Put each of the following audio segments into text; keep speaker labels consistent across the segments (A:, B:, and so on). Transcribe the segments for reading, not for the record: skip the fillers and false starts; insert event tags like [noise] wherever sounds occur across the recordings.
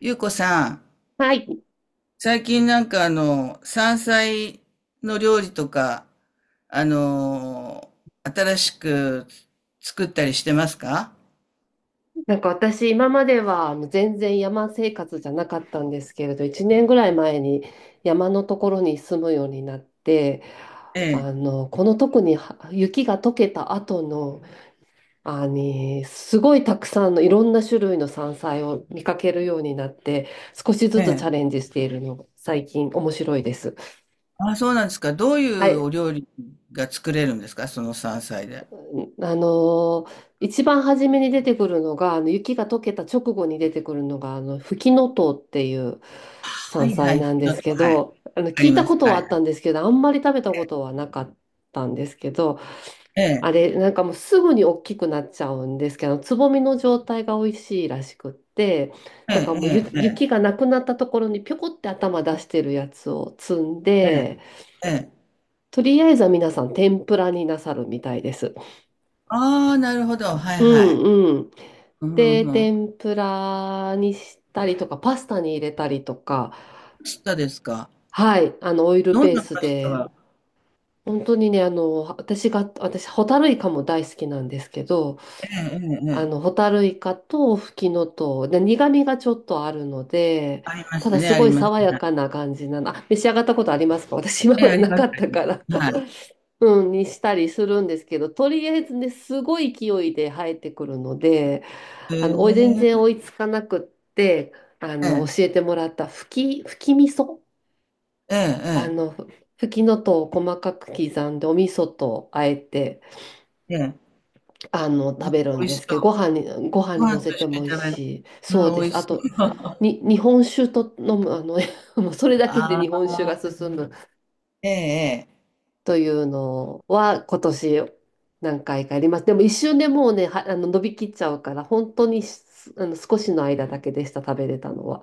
A: ゆうこさん、
B: はい。
A: 最近なんか山菜の料理とか、あの新しく作ったりしてますか？
B: なんか私、今までは全然山生活じゃなかったんですけれど、1年ぐらい前に山のところに住むようになって、
A: ええ、
B: この特には雪が溶けた後の、すごいたくさんのいろんな種類の山菜を見かけるようになって、少しず
A: え
B: つチャ
A: え。
B: レンジしているのが最近面白いです。
A: あ、そうなんですか。どうい
B: は
A: うお
B: い。
A: 料理が作れるんですか、その山菜で？
B: 一番初めに出てくるのが、雪が溶けた直後に出てくるのが、フキノトウっていう
A: は
B: 山
A: いは
B: 菜
A: い。ち
B: なんで
A: ょっ
B: す
A: と、
B: け
A: はい。わ
B: ど、
A: か
B: 聞
A: り
B: いた
A: ま
B: こ
A: す。
B: と
A: は
B: はあ
A: い。
B: ったんですけど、あんまり食べたことはなかったんですけど、
A: ええ、
B: あれ、なんかもうすぐに大きくなっちゃうんですけど、つぼみの状態が美味しいらしくって、
A: え
B: だから
A: え、
B: もう
A: ええ、え
B: 雪がなくなったところにぴょこって頭出してるやつを摘ん
A: え、
B: で、
A: ええ。
B: とりあえずは皆さん天ぷらになさるみたいです。
A: ああ、なるほど。はい
B: う
A: はい。
B: んうん。
A: うんうん
B: で、
A: うん。パ
B: 天ぷらにしたりとか、パスタに入れたりとか、
A: スタですか？
B: はい、オイル
A: どん
B: ベー
A: な
B: ス
A: パス
B: で、
A: タ？
B: 本当にね、私、ホタルイカも大好きなんですけど、
A: ええ、ええ、ええ。
B: ホタルイカとフキノトウで、苦味がちょっとあるので、
A: ありま
B: た
A: す
B: だ
A: ね、
B: す
A: あ
B: ご
A: り
B: い
A: ます。
B: 爽やかな感じなの。あ、召し上がったことありますか？私今
A: ええ、
B: ま
A: あ
B: で
A: り
B: な
A: ま
B: か
A: す。
B: ったから。
A: は
B: [laughs] うん、にしたりするんですけど、とりあえずね、すごい勢いで生えてくるので、
A: い。へ
B: 全然
A: え。
B: 追いつかなくって、
A: ええ。
B: 教えてもらった吹き味噌。あ
A: ええ
B: の、吹きのとを細かく刻んで、お味噌とあえて、
A: ええ。ええ。
B: 食べるん
A: 美味
B: で
A: し
B: すけど、
A: そう。
B: ご飯
A: ご
B: に乗
A: 飯
B: せ
A: と
B: て
A: 一緒
B: も
A: に
B: 美味
A: 食べ
B: し
A: る？
B: い。
A: う
B: そう
A: ん、
B: で
A: 美
B: す。
A: 味
B: あ
A: し
B: と、
A: そう。
B: に、日本酒と飲む、[laughs] もうそれ
A: [laughs]
B: だけで
A: あ
B: 日本酒
A: あ、
B: が進む
A: ええええ。
B: というのは、今年何回かやります。でも一瞬でもうね、は、あの、伸びきっちゃうから、本当にしあの、少しの間だけでした、食べれたのは。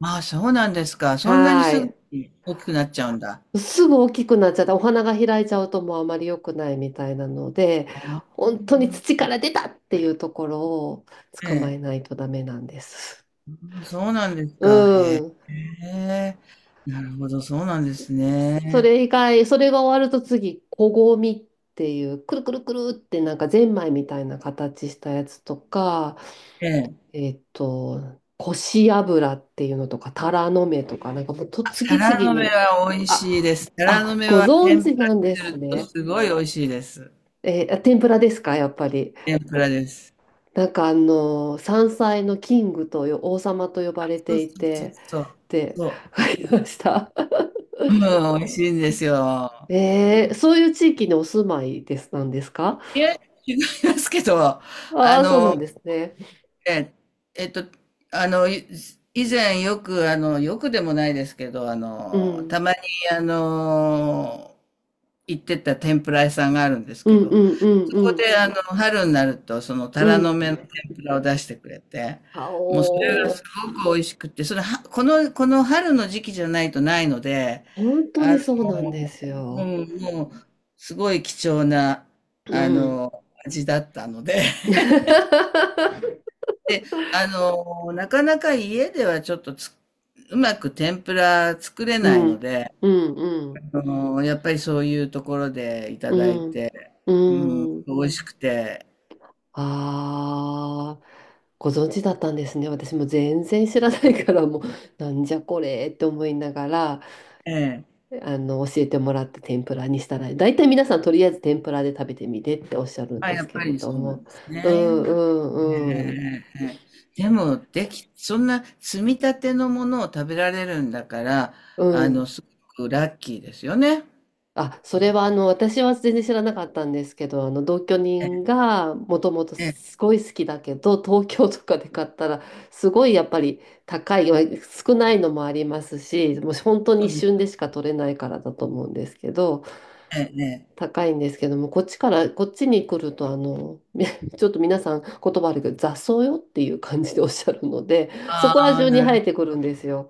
A: まあ、そうなんですか。そんなに
B: はー
A: すぐ
B: い。
A: に大きくなっちゃうんだ。
B: すぐ大きくなっちゃって、お花が開いちゃうともうあまり良くないみたいなので、
A: ああ、
B: 本当に土から出たっていうところを
A: え
B: 捕まえ
A: え。
B: ないとダメなんです。
A: そうなんです
B: う
A: か。へ
B: ん。
A: え。なるほど、そうなんですね。
B: それが終わると次、こごみっていう、くるくるくるってなんかゼンマイみたいな形したやつとか、
A: ええ。
B: えっと、こし油っていうのとか、タラの芽とか、なんかもうと
A: タ
B: 次々
A: ラの芽
B: に、
A: は美味しいで
B: あ、
A: す。タラの
B: あ、
A: 芽
B: ご
A: は
B: 存
A: 天ぷ
B: 知なんで
A: らに
B: す
A: すると
B: ね。
A: すごい美味しいです。
B: 天ぷらですか、やっぱり。
A: 天ぷらです。
B: なんか山菜のキングと王様と呼ばれ
A: そう
B: て
A: そう
B: い
A: そう
B: て
A: そう。
B: って
A: そ
B: 書きました。[laughs]
A: う。うん、美味しいんですよ。
B: そういう地域にお住まいですなんですか？
A: いえ、違いますけど、
B: あ
A: あ
B: あー、そうな
A: の、
B: んですね。
A: え、えっと、あの、い以前よく、よくでもないですけど、
B: うん。
A: たまに、あの、行ってた天ぷら屋さんがあるんです
B: う
A: け
B: んう
A: ど、
B: んうんうん
A: 春になると、タ
B: う
A: ラの芽の
B: ん。
A: 天ぷらを出してくれて、
B: あ
A: もうそれがす
B: お
A: ごく美味しくって、それは、この春の時期じゃないとないので、
B: ー、本当
A: あ
B: にそうなんで
A: の、
B: す
A: う
B: よ。
A: ん、もう、すごい貴重な、
B: うん。
A: 味だったので、
B: [laughs]
A: [laughs] で、なかなか家ではちょっとうまく天ぷら作れ
B: う
A: ないの
B: ん
A: で、
B: うんうん
A: やっぱりそういうところでいた
B: う
A: だい
B: ん
A: て、うん、
B: うん。
A: 美味しくて、
B: ああ、ご存知だったんですね。私も全然知らないから、もう、なんじゃこれって思いながら、
A: ええ、
B: 教えてもらって天ぷらにしたら、大体皆さんとりあえず天ぷらで食べてみてっておっしゃるん
A: あ、
B: で
A: や
B: す
A: っ
B: け
A: ぱ
B: れ
A: り
B: ど
A: そうなん
B: も。
A: です
B: う
A: ね。
B: んう
A: ええ
B: んうん。
A: ええええ。でも、そんな積み立てのものを食べられるんだから、
B: うん
A: すごくラッキーですよね。
B: あ、それは私は全然知らなかったんですけど、同居人がもともと
A: ええ、
B: すごい好きだけど、東京とかで買ったらすごいやっぱり高い、まあ少ないのもありますし、もう本当に
A: そう
B: 一
A: です
B: 瞬
A: よ。
B: でしか取れないからだと思うんですけど、
A: ええええ。
B: 高いんですけども、こっちに来ると[laughs] ちょっと皆さん言葉悪いけど、雑草よっていう感じでおっしゃるので、そこら
A: ああ、
B: 中に
A: な
B: 生
A: る
B: えてく
A: ほど。
B: るんですよ。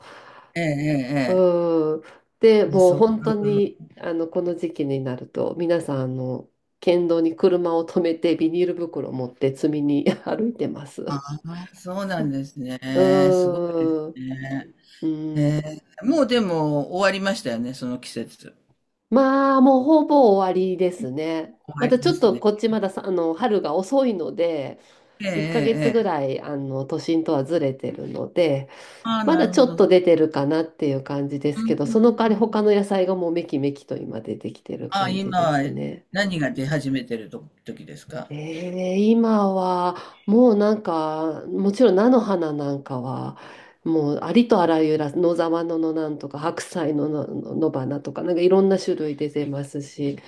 A: ええええ
B: うん。で、
A: ええ。
B: もう
A: そう、
B: 本当に、この時期になると、皆さん、県道に車を止めて、ビニール袋を持って積みに [laughs] 歩いてます。う
A: ああ、そうなんですね。すごいです
B: ーん。
A: ね。
B: う
A: え
B: ん。
A: え、もうでも終わりましたよね、その季節。
B: まあ、もうほぼ終わりですね。
A: 終
B: ま
A: わ
B: た
A: り
B: ち
A: で
B: ょっ
A: す
B: と
A: ね。
B: こっちまださ、あの、春が遅いので、
A: ええ
B: 1ヶ
A: ええ
B: 月ぐ
A: ええ。
B: らい、都心とはずれてるので、
A: ああ、
B: ま
A: な
B: だ
A: る
B: ち
A: ほ
B: ょっ
A: ど。うん
B: と出てるかなっていう感じで
A: う
B: すけ
A: ん
B: ど、そ
A: う
B: の代わり
A: ん。
B: 他の野菜がもうめきめきと今出てきてる
A: あ、
B: 感じ
A: 今
B: です
A: は
B: ね。
A: 何が出始めてると時ですか？
B: 今はもうなんかもちろん菜の花なんかはもうありとあらゆる野沢菜のなんとか白菜のの野花とかなんかいろんな種類出てますし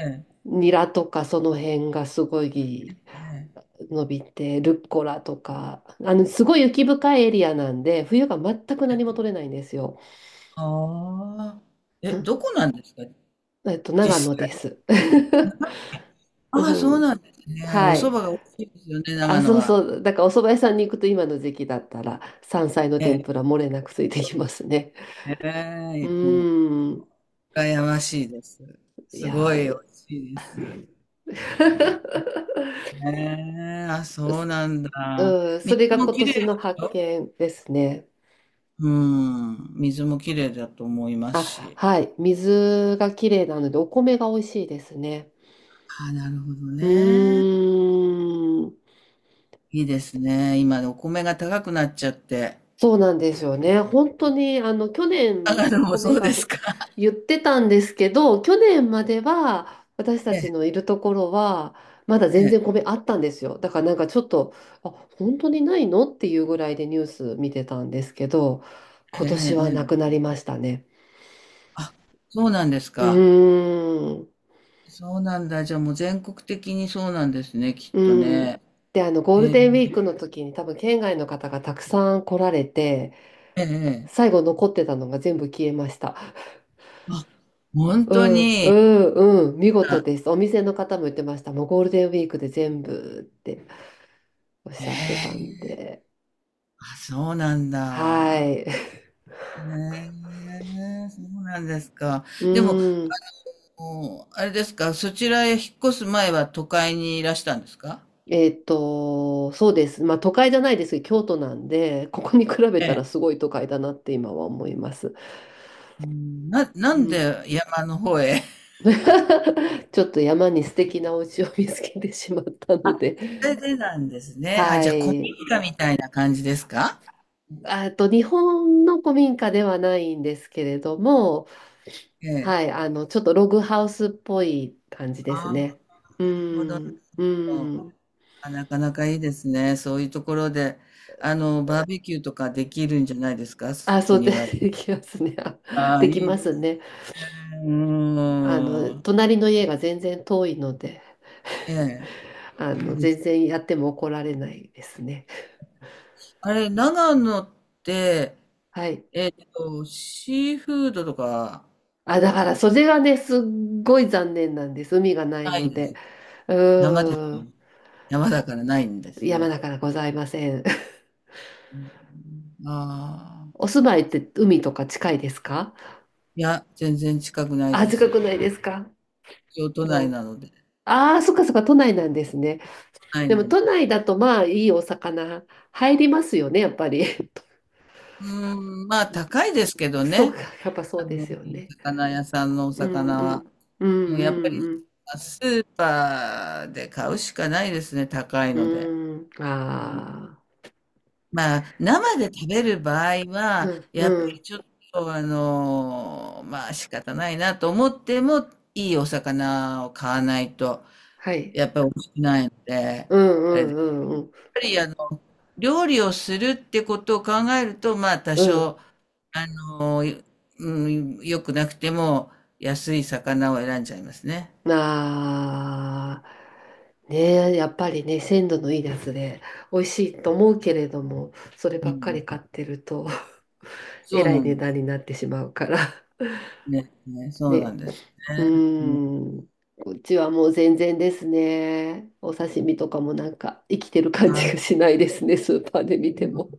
A: ええ、
B: ニラとかその辺がすごい
A: ええ。
B: 伸びてルッコラとかすごい雪深いエリアなんで冬が全く何も取れないんですよ。
A: ああ。え、
B: ん
A: どこなんですか、
B: えっと長
A: 実
B: 野
A: 際？
B: です。[laughs] う
A: ああ、そう
B: ん、
A: なんですね。お
B: は
A: 蕎
B: い
A: 麦が美味しいですよね、
B: あ、
A: 長野
B: そう
A: は。
B: そう。だからお蕎麦屋さんに行くと今の時期だったら山菜の
A: え
B: 天
A: え。
B: ぷら漏れなくついてきますね。
A: え
B: う
A: え、も
B: ーん。
A: う、羨ましいです。
B: い
A: すご
B: や
A: い美味
B: ー
A: しいです。
B: [laughs]
A: ええ、あ、そ
B: す
A: うなんだ。
B: うん、そ
A: 水
B: れが
A: も
B: 今
A: きれ
B: 年
A: いでし
B: の発
A: ょ？
B: 見ですね。
A: うん。水もきれいだと思います
B: あ、
A: し。
B: はい。水がきれいなのでお米が美味しいですね。
A: ああ、なるほど
B: う
A: ね。
B: ーん。
A: いいですね。今、お米が高くなっちゃって。
B: そうなんですよね。本当に、あの、去
A: あ、
B: 年、
A: でもそ
B: 米
A: うで
B: が
A: す
B: ふ
A: か。[laughs]
B: 言ってたんですけど、去年までは、私た
A: え
B: ち
A: え、
B: のいるところは、まだ全
A: え
B: 然
A: え、
B: 米あったんですよ。だからなんかちょっと、あ、本当にないのっていうぐらいでニュース見てたんですけど、今
A: えええ
B: 年
A: え
B: は
A: ええ
B: なくなり
A: ええ、
B: ましたね。
A: あ、そうなんです
B: う
A: か。
B: ーん、
A: そうなんだ。じゃあもう全国的にそうなんですね、きっ
B: う
A: と
B: ん。
A: ね。
B: で、ゴール
A: ええ、
B: デンウィークの時に多分県外の方がたくさん来られて、
A: ええええ。
B: 最後残ってたのが全部消えました。
A: あ、本
B: う
A: 当
B: ん、う
A: に。
B: ん、うん、見事
A: あ、
B: です。お店の方も言ってました。もうゴールデンウィークで全部っておっ
A: え
B: しゃってたん
A: え、
B: で。
A: あ、そうなん
B: は
A: だ。
B: い。[laughs]
A: へえ、そうなんですか。
B: う
A: でも、
B: ん。
A: もう、あれですか、そちらへ引っ越す前は都会にいらしたんですか？
B: えっと、そうです。まあ都会じゃないですけど、京都なんで、ここに比べ
A: え
B: たら
A: え。
B: すごい都会だなって今は思います。
A: うん、な
B: う
A: ん
B: ん。
A: で山の方へ？
B: [laughs] ちょっと山に素敵なお家を見つけてしまったの
A: あ、
B: で。
A: それでなんですね。あ、
B: は
A: じゃあ、古民
B: い。
A: 家みたいな感じですか？
B: あと、日本の古民家ではないんですけれども、
A: ええ。
B: はい、ちょっとログハウスっぽい感じです
A: ああ、な
B: ね。う
A: るほど、なる
B: ん、う
A: ほど。
B: ん。
A: あ、なかなかいいですね。そういうところで、バーベキューとかできるんじゃないですか、
B: あ、そ
A: お
B: うで、
A: 庭で？
B: [laughs] できますね。
A: ああ、
B: でき
A: いい
B: ま
A: で
B: す
A: すね。
B: ね。
A: うーん。
B: 隣の家が全然遠いので、
A: ええ、いいで
B: 全
A: す。
B: 然やっても怒られないですね。
A: あれ、長野って、
B: はい。
A: シーフードとか？
B: あ、だから、それがね、すっごい残念なんです。海がない
A: ない
B: の
A: んで
B: で。
A: す。
B: う
A: 生です
B: ー
A: ね。
B: ん。
A: 山だからないんです
B: 山
A: ね。
B: だからございません。
A: うん、あ
B: [laughs]
A: あ。
B: お住まいって海とか近いですか？
A: いや、全然近くない
B: あ、
A: で
B: 近く
A: す。
B: ないですか？
A: 京都内
B: もう。
A: なので、
B: ああ、そっかそっか、都内なんですね。
A: はい、
B: で
A: な
B: も
A: ん
B: 都
A: です。
B: 内だとまあいいお魚入りますよね、やっぱり。[laughs]
A: うーん、まあ高いですけど
B: そう
A: ね、
B: か、やっぱそうです
A: い
B: よ
A: い
B: ね。
A: 魚屋さんのお
B: うん
A: 魚
B: う
A: は。
B: ん。う
A: もうやっぱり、
B: んうん
A: スーパーで買うしかないですね、高い
B: う
A: ので。
B: ん。うん。
A: うん、
B: ああ。
A: まあ、生で食べる場合
B: う
A: は、
B: ん
A: やっぱ
B: う
A: り
B: ん。
A: ちょっと、まあ仕方ないなと思っても、いいお魚を買わないと、
B: はい。
A: やっぱり美味しくないので、
B: うん
A: あれ
B: うんうんうん。
A: ぱりあの、料理をするってことを考えると、まあ多
B: うん。
A: 少、あの、うん、良くなくても安い魚を選んじゃいますね。
B: ああ。ねえ、やっぱりね、鮮度のいいやつで美味しいと思うけれども、それ
A: う
B: ばっか
A: ん。
B: り買ってると、[laughs] え
A: そう
B: ら
A: な
B: い
A: ん
B: 値
A: で
B: 段
A: す。
B: になってしまうから。
A: ね、そうな
B: ね、
A: んです
B: うー
A: ね。うん、
B: ん。こっちはもう全然ですね。お刺身とかもなんか生きてる感
A: な
B: じ
A: る
B: がしないですね、スーパーで見ても。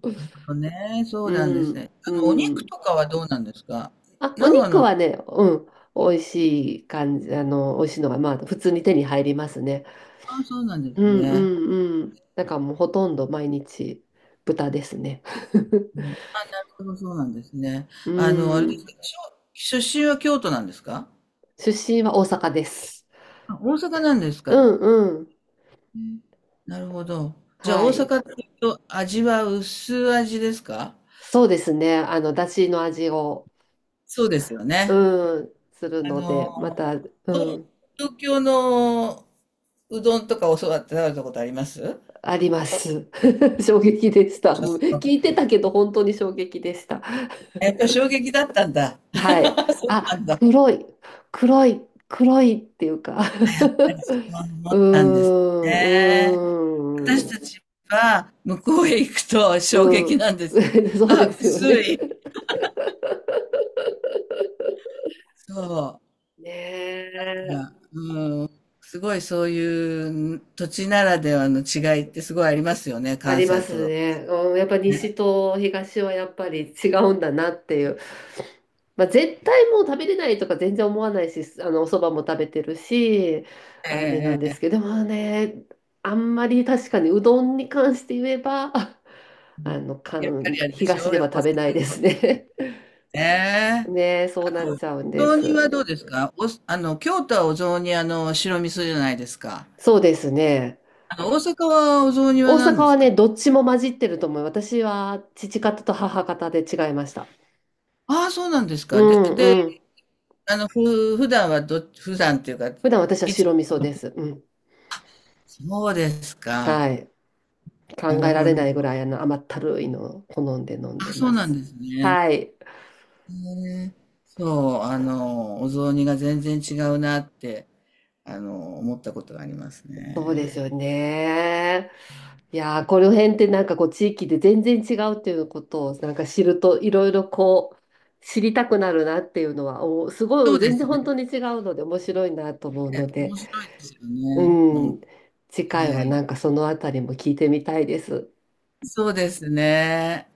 A: ほどね。そう
B: う
A: なんです
B: ん、
A: ね。
B: う
A: お肉
B: ん。
A: とかはどうなんですか、
B: あ、お
A: 長
B: 肉
A: 野？
B: はね、うん、美味しい感じ、美味しいのが、まあ、普通に手に入りますね。
A: あ、そうなんで
B: う
A: す
B: ん、う
A: ね。
B: ん、うん。なんかもうほとんど毎日豚ですね。[laughs]
A: ね、そうそうなんですね。
B: う
A: あれです
B: ん。
A: か、出身は京都なんですか？
B: 出身は大阪です。
A: あ、大阪なんです
B: う
A: か？
B: ん、うん。
A: うん、なるほど。じゃあ
B: は
A: 大
B: い。
A: 阪っていうと味は薄味ですか？
B: そうですね。だしの味を
A: そうですよね。
B: うん、する
A: あ
B: ので、ま
A: の、
B: た、う
A: と
B: ん、
A: 東京のうどんとか教わって食べたことあります？
B: あります。[laughs] 衝撃でした。
A: ちょ
B: もう
A: っ
B: 聞
A: と
B: いてたけど、本当に衝撃でした。
A: やっぱり衝撃だったんだ。
B: はい。
A: [laughs] そうな
B: あ、
A: んだ。そう
B: 黒い、黒い、黒いっていうか [laughs] うー
A: なんですね。
B: ん、
A: 私
B: うーん、
A: たちは向こうへ行くと衝
B: う
A: 撃
B: ん。
A: なんですよ。
B: [laughs] そうで
A: あ、
B: すよ
A: 薄
B: ね。
A: い。そ
B: ねえ。
A: う。すごいそういう土地ならではの違いってすごいありますよね、
B: あ
A: 関
B: りま
A: 西
B: す
A: と。
B: ね。うん、やっぱ西と東はやっぱり違うんだなっていう。まあ、絶対もう食べれないとか全然思わないし、お蕎麦も食べてるし、あれなん
A: え
B: で
A: え
B: す
A: ええ、
B: けど、でもね、あんまり確かにうどんに関して言えば、[laughs]
A: やっぱり
B: 関
A: あれでしょ、
B: 東で
A: 大
B: は
A: 阪
B: 食べないで
A: は。
B: すね。[laughs]
A: ねえ。
B: ね、そうなっ
A: お
B: ちゃうんで
A: 雑煮
B: す。
A: はどうですか？京都はお雑煮、白味噌じゃないですか。
B: そうですね。
A: 大阪はお雑煮は
B: 大
A: 何
B: 阪
A: で
B: は
A: すか？
B: ね、どっちも混じってると思う。私は父方と母方で違いました。
A: ああ、そうなんです
B: う
A: か。で、
B: ん
A: で、
B: うん。
A: 普段は普段っていうか、
B: 普段私は
A: いつ、
B: 白味噌です。うん。
A: そうですか。
B: はい。
A: な
B: 考
A: る
B: えら
A: ほど。
B: れないぐらい甘ったるいのを好んで飲ん
A: あ、
B: で
A: そう
B: ま
A: なん
B: す。
A: ですね。
B: はい。
A: ね、そう、お雑煮が全然違うなって、思ったことがあります
B: そうです
A: ね。
B: よね。いやー、この辺ってなんかこう地域で全然違うっていうことをなんか知るといろいろこう知りたくなるなっていうのはおす
A: そ
B: ごい
A: うで
B: 全然
A: す
B: 本
A: ね。
B: 当に違うので面白いなと思うの
A: 面
B: で、
A: 白いですよ
B: う
A: ね。え
B: ん。次回はな
A: え、
B: んかそのあたりも聞いてみたいです。
A: そうですね。